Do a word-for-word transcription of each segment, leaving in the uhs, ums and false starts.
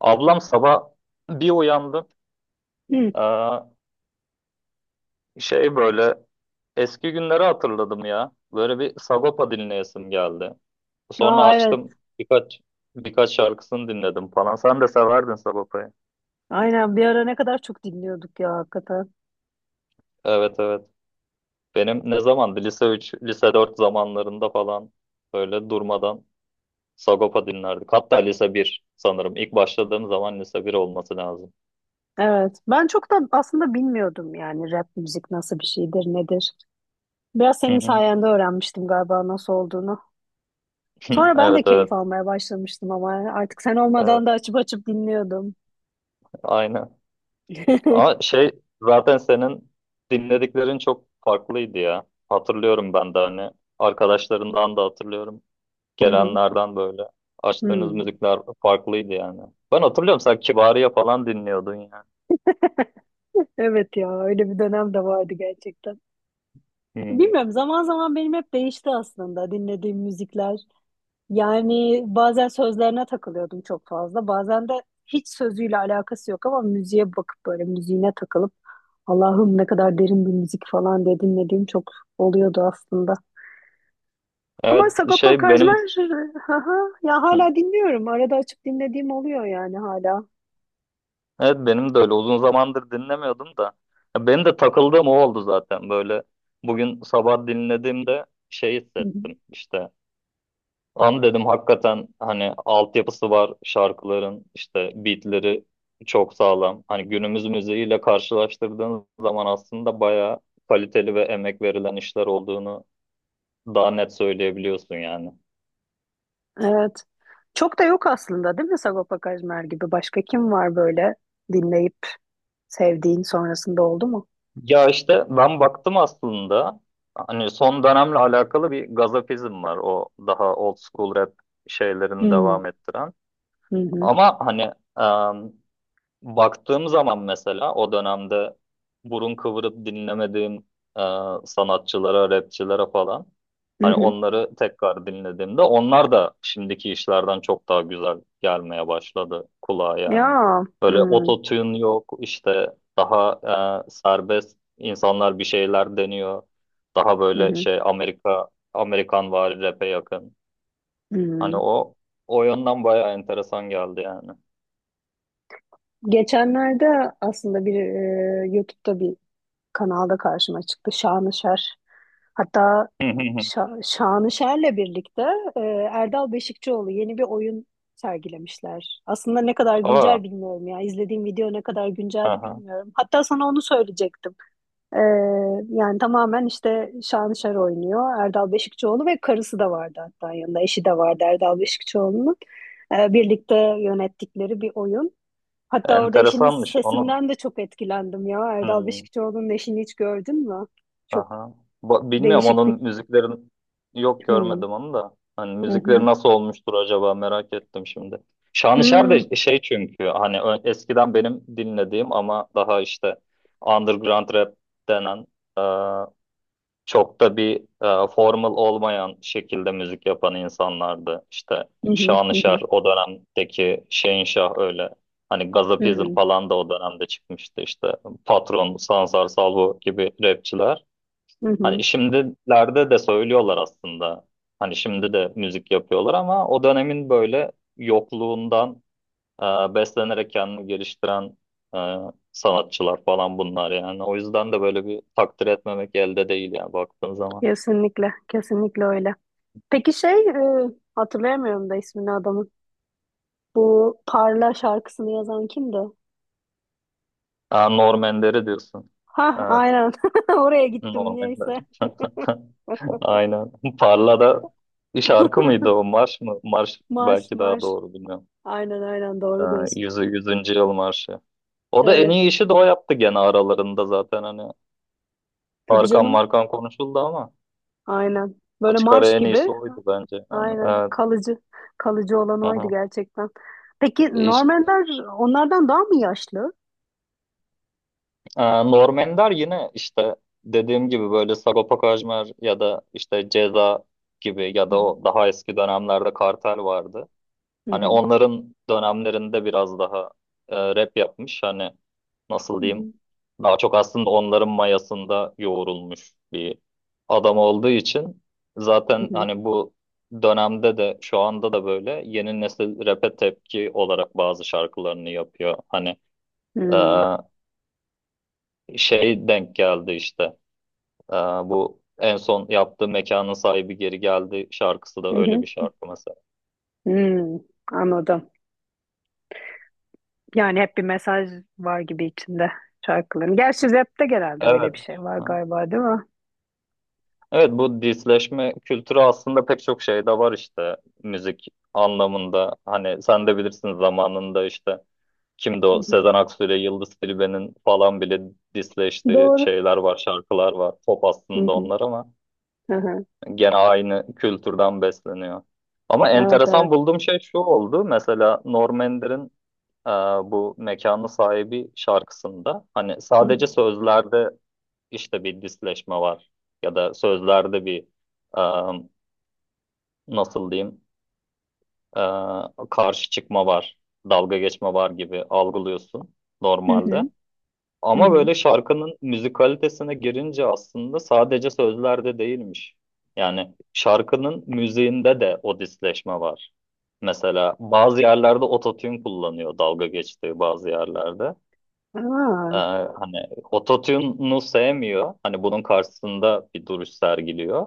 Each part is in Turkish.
Ablam sabah bir uyandım. Hı. Ee, şey böyle eski günleri hatırladım ya. Böyle bir Sagopa dinleyesim geldi. Sonra Aa evet. açtım birkaç birkaç şarkısını dinledim falan. Sen de severdin Sagopa'yı. Aynen bir ara ne kadar çok dinliyorduk ya hakikaten. Evet evet. Benim ne zamandı? Lise üç, lise dört zamanlarında falan böyle durmadan Sagopa dinlerdik. Hatta lise bir sanırım. İlk başladığım zaman lise bir olması lazım. Evet. Ben çok da aslında bilmiyordum yani rap müzik nasıl bir şeydir, nedir. Biraz Hı senin hı. sayende öğrenmiştim galiba nasıl olduğunu. Sonra ben de Evet evet. keyif almaya başlamıştım ama artık sen Evet. olmadan da açıp açıp dinliyordum. Aynen. Ama şey zaten senin dinlediklerin çok farklıydı ya. Hatırlıyorum ben de hani arkadaşlarından da hatırlıyorum. Hı hı. Gelenlerden böyle açtığınız Hı. müzikler farklıydı yani. Ben hatırlıyorum sen Kibariye falan dinliyordun yani. Evet ya öyle bir dönem de vardı gerçekten. Hı. Bilmiyorum zaman zaman benim hep değişti aslında dinlediğim müzikler. Yani bazen sözlerine takılıyordum çok fazla. Bazen de hiç sözüyle alakası yok ama müziğe bakıp böyle müziğine takılıp Allah'ım ne kadar derin bir müzik falan diye dinlediğim çok oluyordu aslında. Ama Evet Sagopa şey benim Kajmer haha, ya hı. hala dinliyorum. Arada açıp dinlediğim oluyor yani hala. Evet benim de öyle uzun zamandır dinlemiyordum da. Ya benim de takıldığım o oldu zaten böyle. Bugün sabah dinlediğimde şey Hı hı. hissettim işte. An dedim hakikaten hani altyapısı var şarkıların işte beatleri çok sağlam. Hani günümüz müziğiyle karşılaştırdığınız zaman aslında bayağı kaliteli ve emek verilen işler olduğunu daha net söyleyebiliyorsun yani. Evet. Çok da yok aslında değil mi Sagopa Kajmer gibi? Başka kim var böyle dinleyip sevdiğin sonrasında oldu mu? Ya işte ben baktım aslında hani son dönemle alakalı bir gazapizm var, o daha old school rap şeylerini Hmm. devam ettiren. Hı hı. Ama hani baktığım zaman mesela o dönemde burun kıvırıp dinlemediğim e, sanatçılara, rapçilere falan, Hı hani hı. onları tekrar dinlediğimde onlar da şimdiki işlerden çok daha güzel gelmeye başladı kulağa yani. Ya. Böyle Hmm. ototune yok işte, daha e, serbest insanlar bir şeyler deniyor. Daha Hı böyle hı. şey Amerika Amerikan vari rap'e yakın. Hani Hmm. o o yönden bayağı enteresan geldi yani. Geçenlerde aslında bir e, YouTube'da bir kanalda karşıma çıktı Şanışer. Hatta Şa- Şanışer'le birlikte e, Erdal Beşikçioğlu yeni bir oyun sergilemişler. Aslında ne kadar Aa, güncel bilmiyorum ya. İzlediğim video ne kadar günceldi aha. bilmiyorum. Hatta sana onu söyleyecektim. E, Yani tamamen işte Şanışer oynuyor. Erdal Beşikçioğlu ve karısı da vardı hatta yanında. Eşi de vardı Erdal Beşikçioğlu'nun. E, birlikte yönettikleri bir oyun. Hatta orada eşinin Enteresanmış. Onun sesinden de çok etkilendim ya. Erdal hmm, Beşikçioğlu'nun eşini hiç gördün mü? Çok aha. Ba- bilmiyorum değişik bir... onun müziklerin, yok Hmm, görmedim onu da. Hani hı müzikleri hı. nasıl olmuştur acaba merak ettim şimdi. Şanışer Hmm, de şey çünkü hani ö- eskiden benim dinlediğim ama daha işte underground rap denen, çok da bir e, formal olmayan şekilde müzik yapan insanlardı. İşte hı hı, hı Şanışer hı, o dönemdeki, Şehinşah öyle. Hani hı Gazapizm hı, falan da o dönemde çıkmıştı işte. Patron, Sansar Salvo gibi rapçiler. Hani hı. şimdilerde de söylüyorlar aslında. Hani şimdi de müzik yapıyorlar ama o dönemin böyle yokluğundan e, beslenerek kendini geliştiren e, sanatçılar falan bunlar yani. O yüzden de böyle bir takdir etmemek elde değil yani baktığın zaman. Kesinlikle, kesinlikle öyle. Peki şey, e, hatırlayamıyorum da ismini adamın. Bu Parla şarkısını yazan kimdi? Aa, Normanleri diyorsun. Ha, Evet, aynen. Oraya gittim Normanler. niyeyse. Aynen. Parlada bir şarkı mıydı o? Marş mı? Marş Marş, belki daha marş. doğru, bilmiyorum. Aynen aynen doğru Aa, diyorsun. yüzü, yüzüncü yıl marşı. O da en Evet. iyi işi de o yaptı gene aralarında zaten hani. Tabii Tarkan canım. Markan konuşuldu ama Aynen. Böyle açık ara marş en iyisi gibi. oydu bence. Yani, Aynen evet. kalıcı. Kalıcı olan oydu Aha. gerçekten. Peki E İşte, Normanlar onlardan daha mı yaşlı? aa, Norm Ender yine işte dediğim gibi böyle Sagopa Kajmer ya da işte Ceza gibi, ya Hı da hı. o daha eski dönemlerde Kartel vardı. Hı Hani hı. onların dönemlerinde biraz daha e, rap yapmış. Hani nasıl Hı diyeyim? hı. Daha çok aslında onların mayasında yoğrulmuş bir adam olduğu için Hı zaten hı. hani bu dönemde de şu anda da böyle yeni nesil rap'e tepki olarak bazı şarkılarını yapıyor. Hani e, şey denk geldi işte. E, bu en son yaptığı Mekanın Sahibi Geri Geldi şarkısı Hı da öyle bir hı. şarkı mesela. Hı. Anladım. Yani hep bir mesaj var gibi içinde şarkıların. Gerçi rapte genelde öyle bir Evet. şey var galiba değil mi? Evet, bu disleşme kültürü aslında pek çok şeyde var işte müzik anlamında. Hani sen de bilirsin, zamanında işte kimdi Hı o Sezen Aksu ile Yıldız Tilbe'nin falan bile hı. disleştiği Doğru. şeyler var, şarkılar var. Pop Hı aslında hı. onlar ama Hı hı. gene aynı kültürden besleniyor. Ama Evet evet. enteresan bulduğum şey şu oldu. Mesela Norm Ender'in e, bu Mekanı Sahibi şarkısında hani Hı hı. sadece sözlerde işte bir disleşme var, ya da sözlerde bir e, nasıl diyeyim e, karşı çıkma var, dalga geçme var gibi algılıyorsun Hı normalde. hı. Hı Ama hı. böyle şarkının müzikalitesine girince aslında sadece sözlerde değilmiş. Yani şarkının müziğinde de o disleşme var. Mesela bazı yerlerde ototune kullanıyor dalga geçtiği bazı yerlerde. Aa. Ee, hani ototune'u sevmiyor. Hani bunun karşısında bir duruş sergiliyor.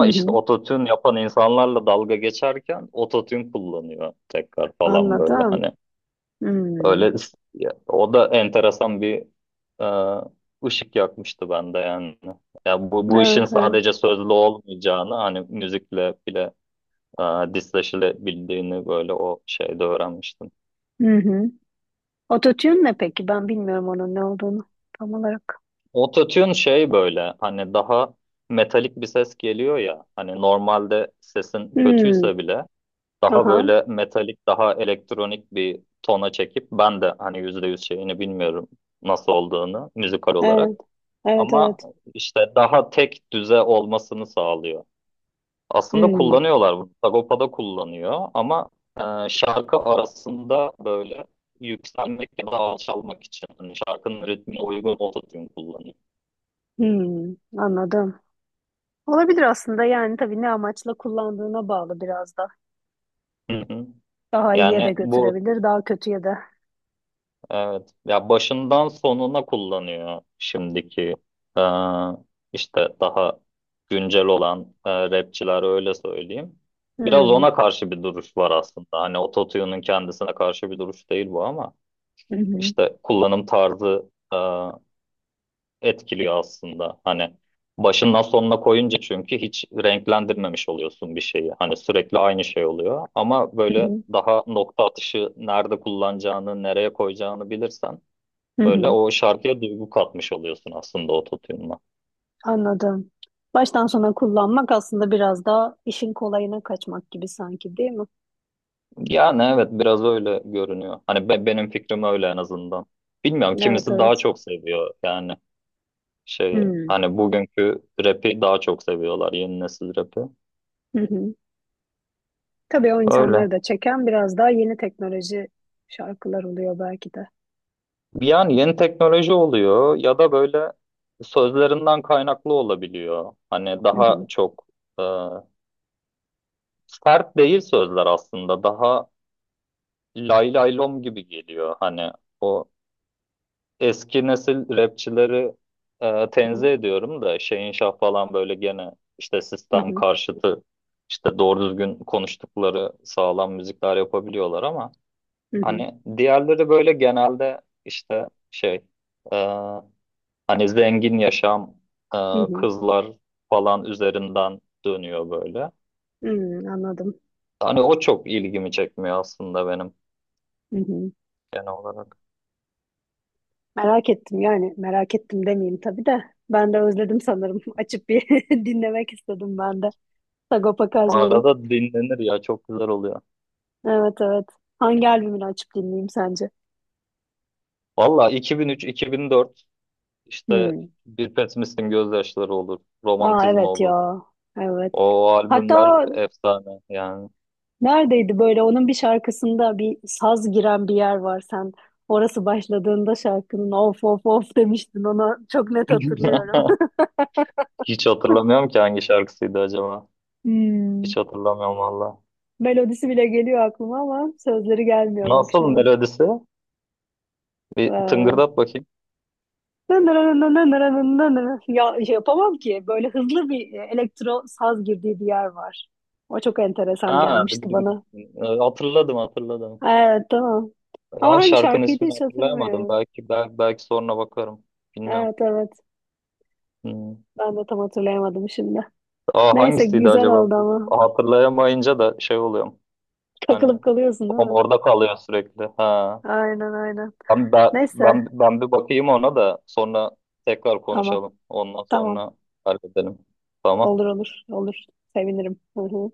Hı işte hı. ototune yapan insanlarla dalga geçerken ototune kullanıyor tekrar falan böyle Anladım. hani. Hmm. Öyle ya, o da enteresan bir e, ışık yakmıştı bende yani. Ya bu, bu işin Evet evet. sadece sözlü olmayacağını hani müzikle bile e, disleşilebildiğini böyle o şeyde öğrenmiştim. Hı hı. Ototune ne peki? Ben bilmiyorum onun ne olduğunu tam olarak. Autotune şey böyle hani daha metalik bir ses geliyor ya, hani normalde sesin Hmm. kötüyse bile daha Aha. böyle metalik daha elektronik bir tona çekip, ben de hani yüzde yüz şeyini bilmiyorum nasıl olduğunu müzikal olarak Evet. Evet ama evet. işte daha tek düze olmasını sağlıyor. Aslında Hmm. kullanıyorlar bunu. Sagopa'da kullanıyor ama e, şarkı arasında böyle yükselmek ya da alçalmak için hani şarkının ritmine uygun autotune kullanıyor. Hmm. Anladım. Olabilir aslında yani tabii ne amaçla kullandığına bağlı biraz da. Hı hı. Daha iyiye Yani de bu götürebilir, daha kötüye de. evet ya başından sonuna kullanıyor şimdiki e, işte daha güncel olan e, rapçiler öyle söyleyeyim. Biraz Hmm. ona karşı bir duruş var aslında. Hani ototune'un kendisine karşı bir duruş değil bu ama Hı hı. işte kullanım tarzı etkiliyor aslında. Hani başından sonuna koyunca çünkü hiç renklendirmemiş oluyorsun bir şeyi. Hani sürekli aynı şey oluyor. Ama Hı böyle hı. daha nokta atışı nerede kullanacağını, nereye koyacağını bilirsen Hı böyle hı. o şarkıya duygu katmış oluyorsun aslında o tutunma. Anladım. Baştan sona kullanmak aslında biraz daha işin kolayına kaçmak gibi sanki değil mi? Yani evet, biraz öyle görünüyor. Hani be- benim fikrim öyle en azından. Bilmiyorum, Evet kimisi daha evet. çok seviyor yani, şey Hmm. hani bugünkü rap'i daha çok seviyorlar, yeni nesil rap'i. Hı hı. Tabii o insanları Öyle. da çeken biraz daha yeni teknoloji şarkılar oluyor belki de. Yani yeni teknoloji oluyor ya da böyle sözlerinden kaynaklı olabiliyor. Hani Hı daha hı. çok e, sert değil sözler aslında. Daha lay lay lom gibi geliyor. Hani o eski nesil rapçileri e, tenzih ediyorum da Şeyin Şah falan böyle gene işte Hı sistem hı. karşıtı, işte doğru düzgün konuştukları sağlam müzikler yapabiliyorlar ama Hı hı. hani diğerleri böyle genelde işte şey e, hani zengin yaşam, e, Hı hı. kızlar falan üzerinden dönüyor böyle. Hı hı. Anladım. Hani o çok ilgimi çekmiyor aslında benim Hı hı. genel olarak. Merak ettim yani merak ettim demeyeyim tabii de. Ben de özledim sanırım. Açıp bir dinlemek istedim ben de. Sagopa Kajmer'in. Arada dinlenir ya, çok güzel oluyor. Evet evet. Hangi albümünü açıp dinleyeyim sence? Valla iki bin üç-iki bin dört işte Hmm. Bir Pesimistin Gözyaşları olur, Aa Romantizma evet olur. ya. Evet. O albümler Hatta efsane yani. neredeydi böyle onun bir şarkısında bir saz giren bir yer var sen. Orası başladığında şarkının of of of demiştin ona çok net hatırlıyorum. Hiç hatırlamıyorum ki hangi şarkısıydı acaba. Hmm. Hiç hatırlamıyorum valla. Melodisi bile geliyor aklıma ama sözleri gelmiyor bak şu Nasıl an. melodisi? Bir Ee, tıngırdat bakayım. Ya şey yapamam ki böyle hızlı bir e, elektro saz girdiği bir yer var. O çok enteresan Ha, dıgı gelmişti dıgı dıgı. bana. Ee, hatırladım hatırladım. Evet tamam. Ama Lan hangi şarkının şarkıydı ismini hiç hatırlayamadım. hatırlamıyorum. Belki belki, belki sonra bakarım. Bilmiyorum. Evet evet Hmm. ben de tam hatırlayamadım şimdi. Aa, Neyse hangisiydi güzel acaba? oldu Bu- ama. hatırlayamayınca da şey oluyorum. Hani Takılıp kalıyorsun değil kafam mi? orada kalıyor sürekli. Ha. Aynen aynen. Ben, ben, Neyse. ben, ben bir bakayım ona da, sonra tekrar Tamam konuşalım. Ondan tamam. sonra halledelim. Tamam. Olur olur olur. Sevinirim. Hı hı.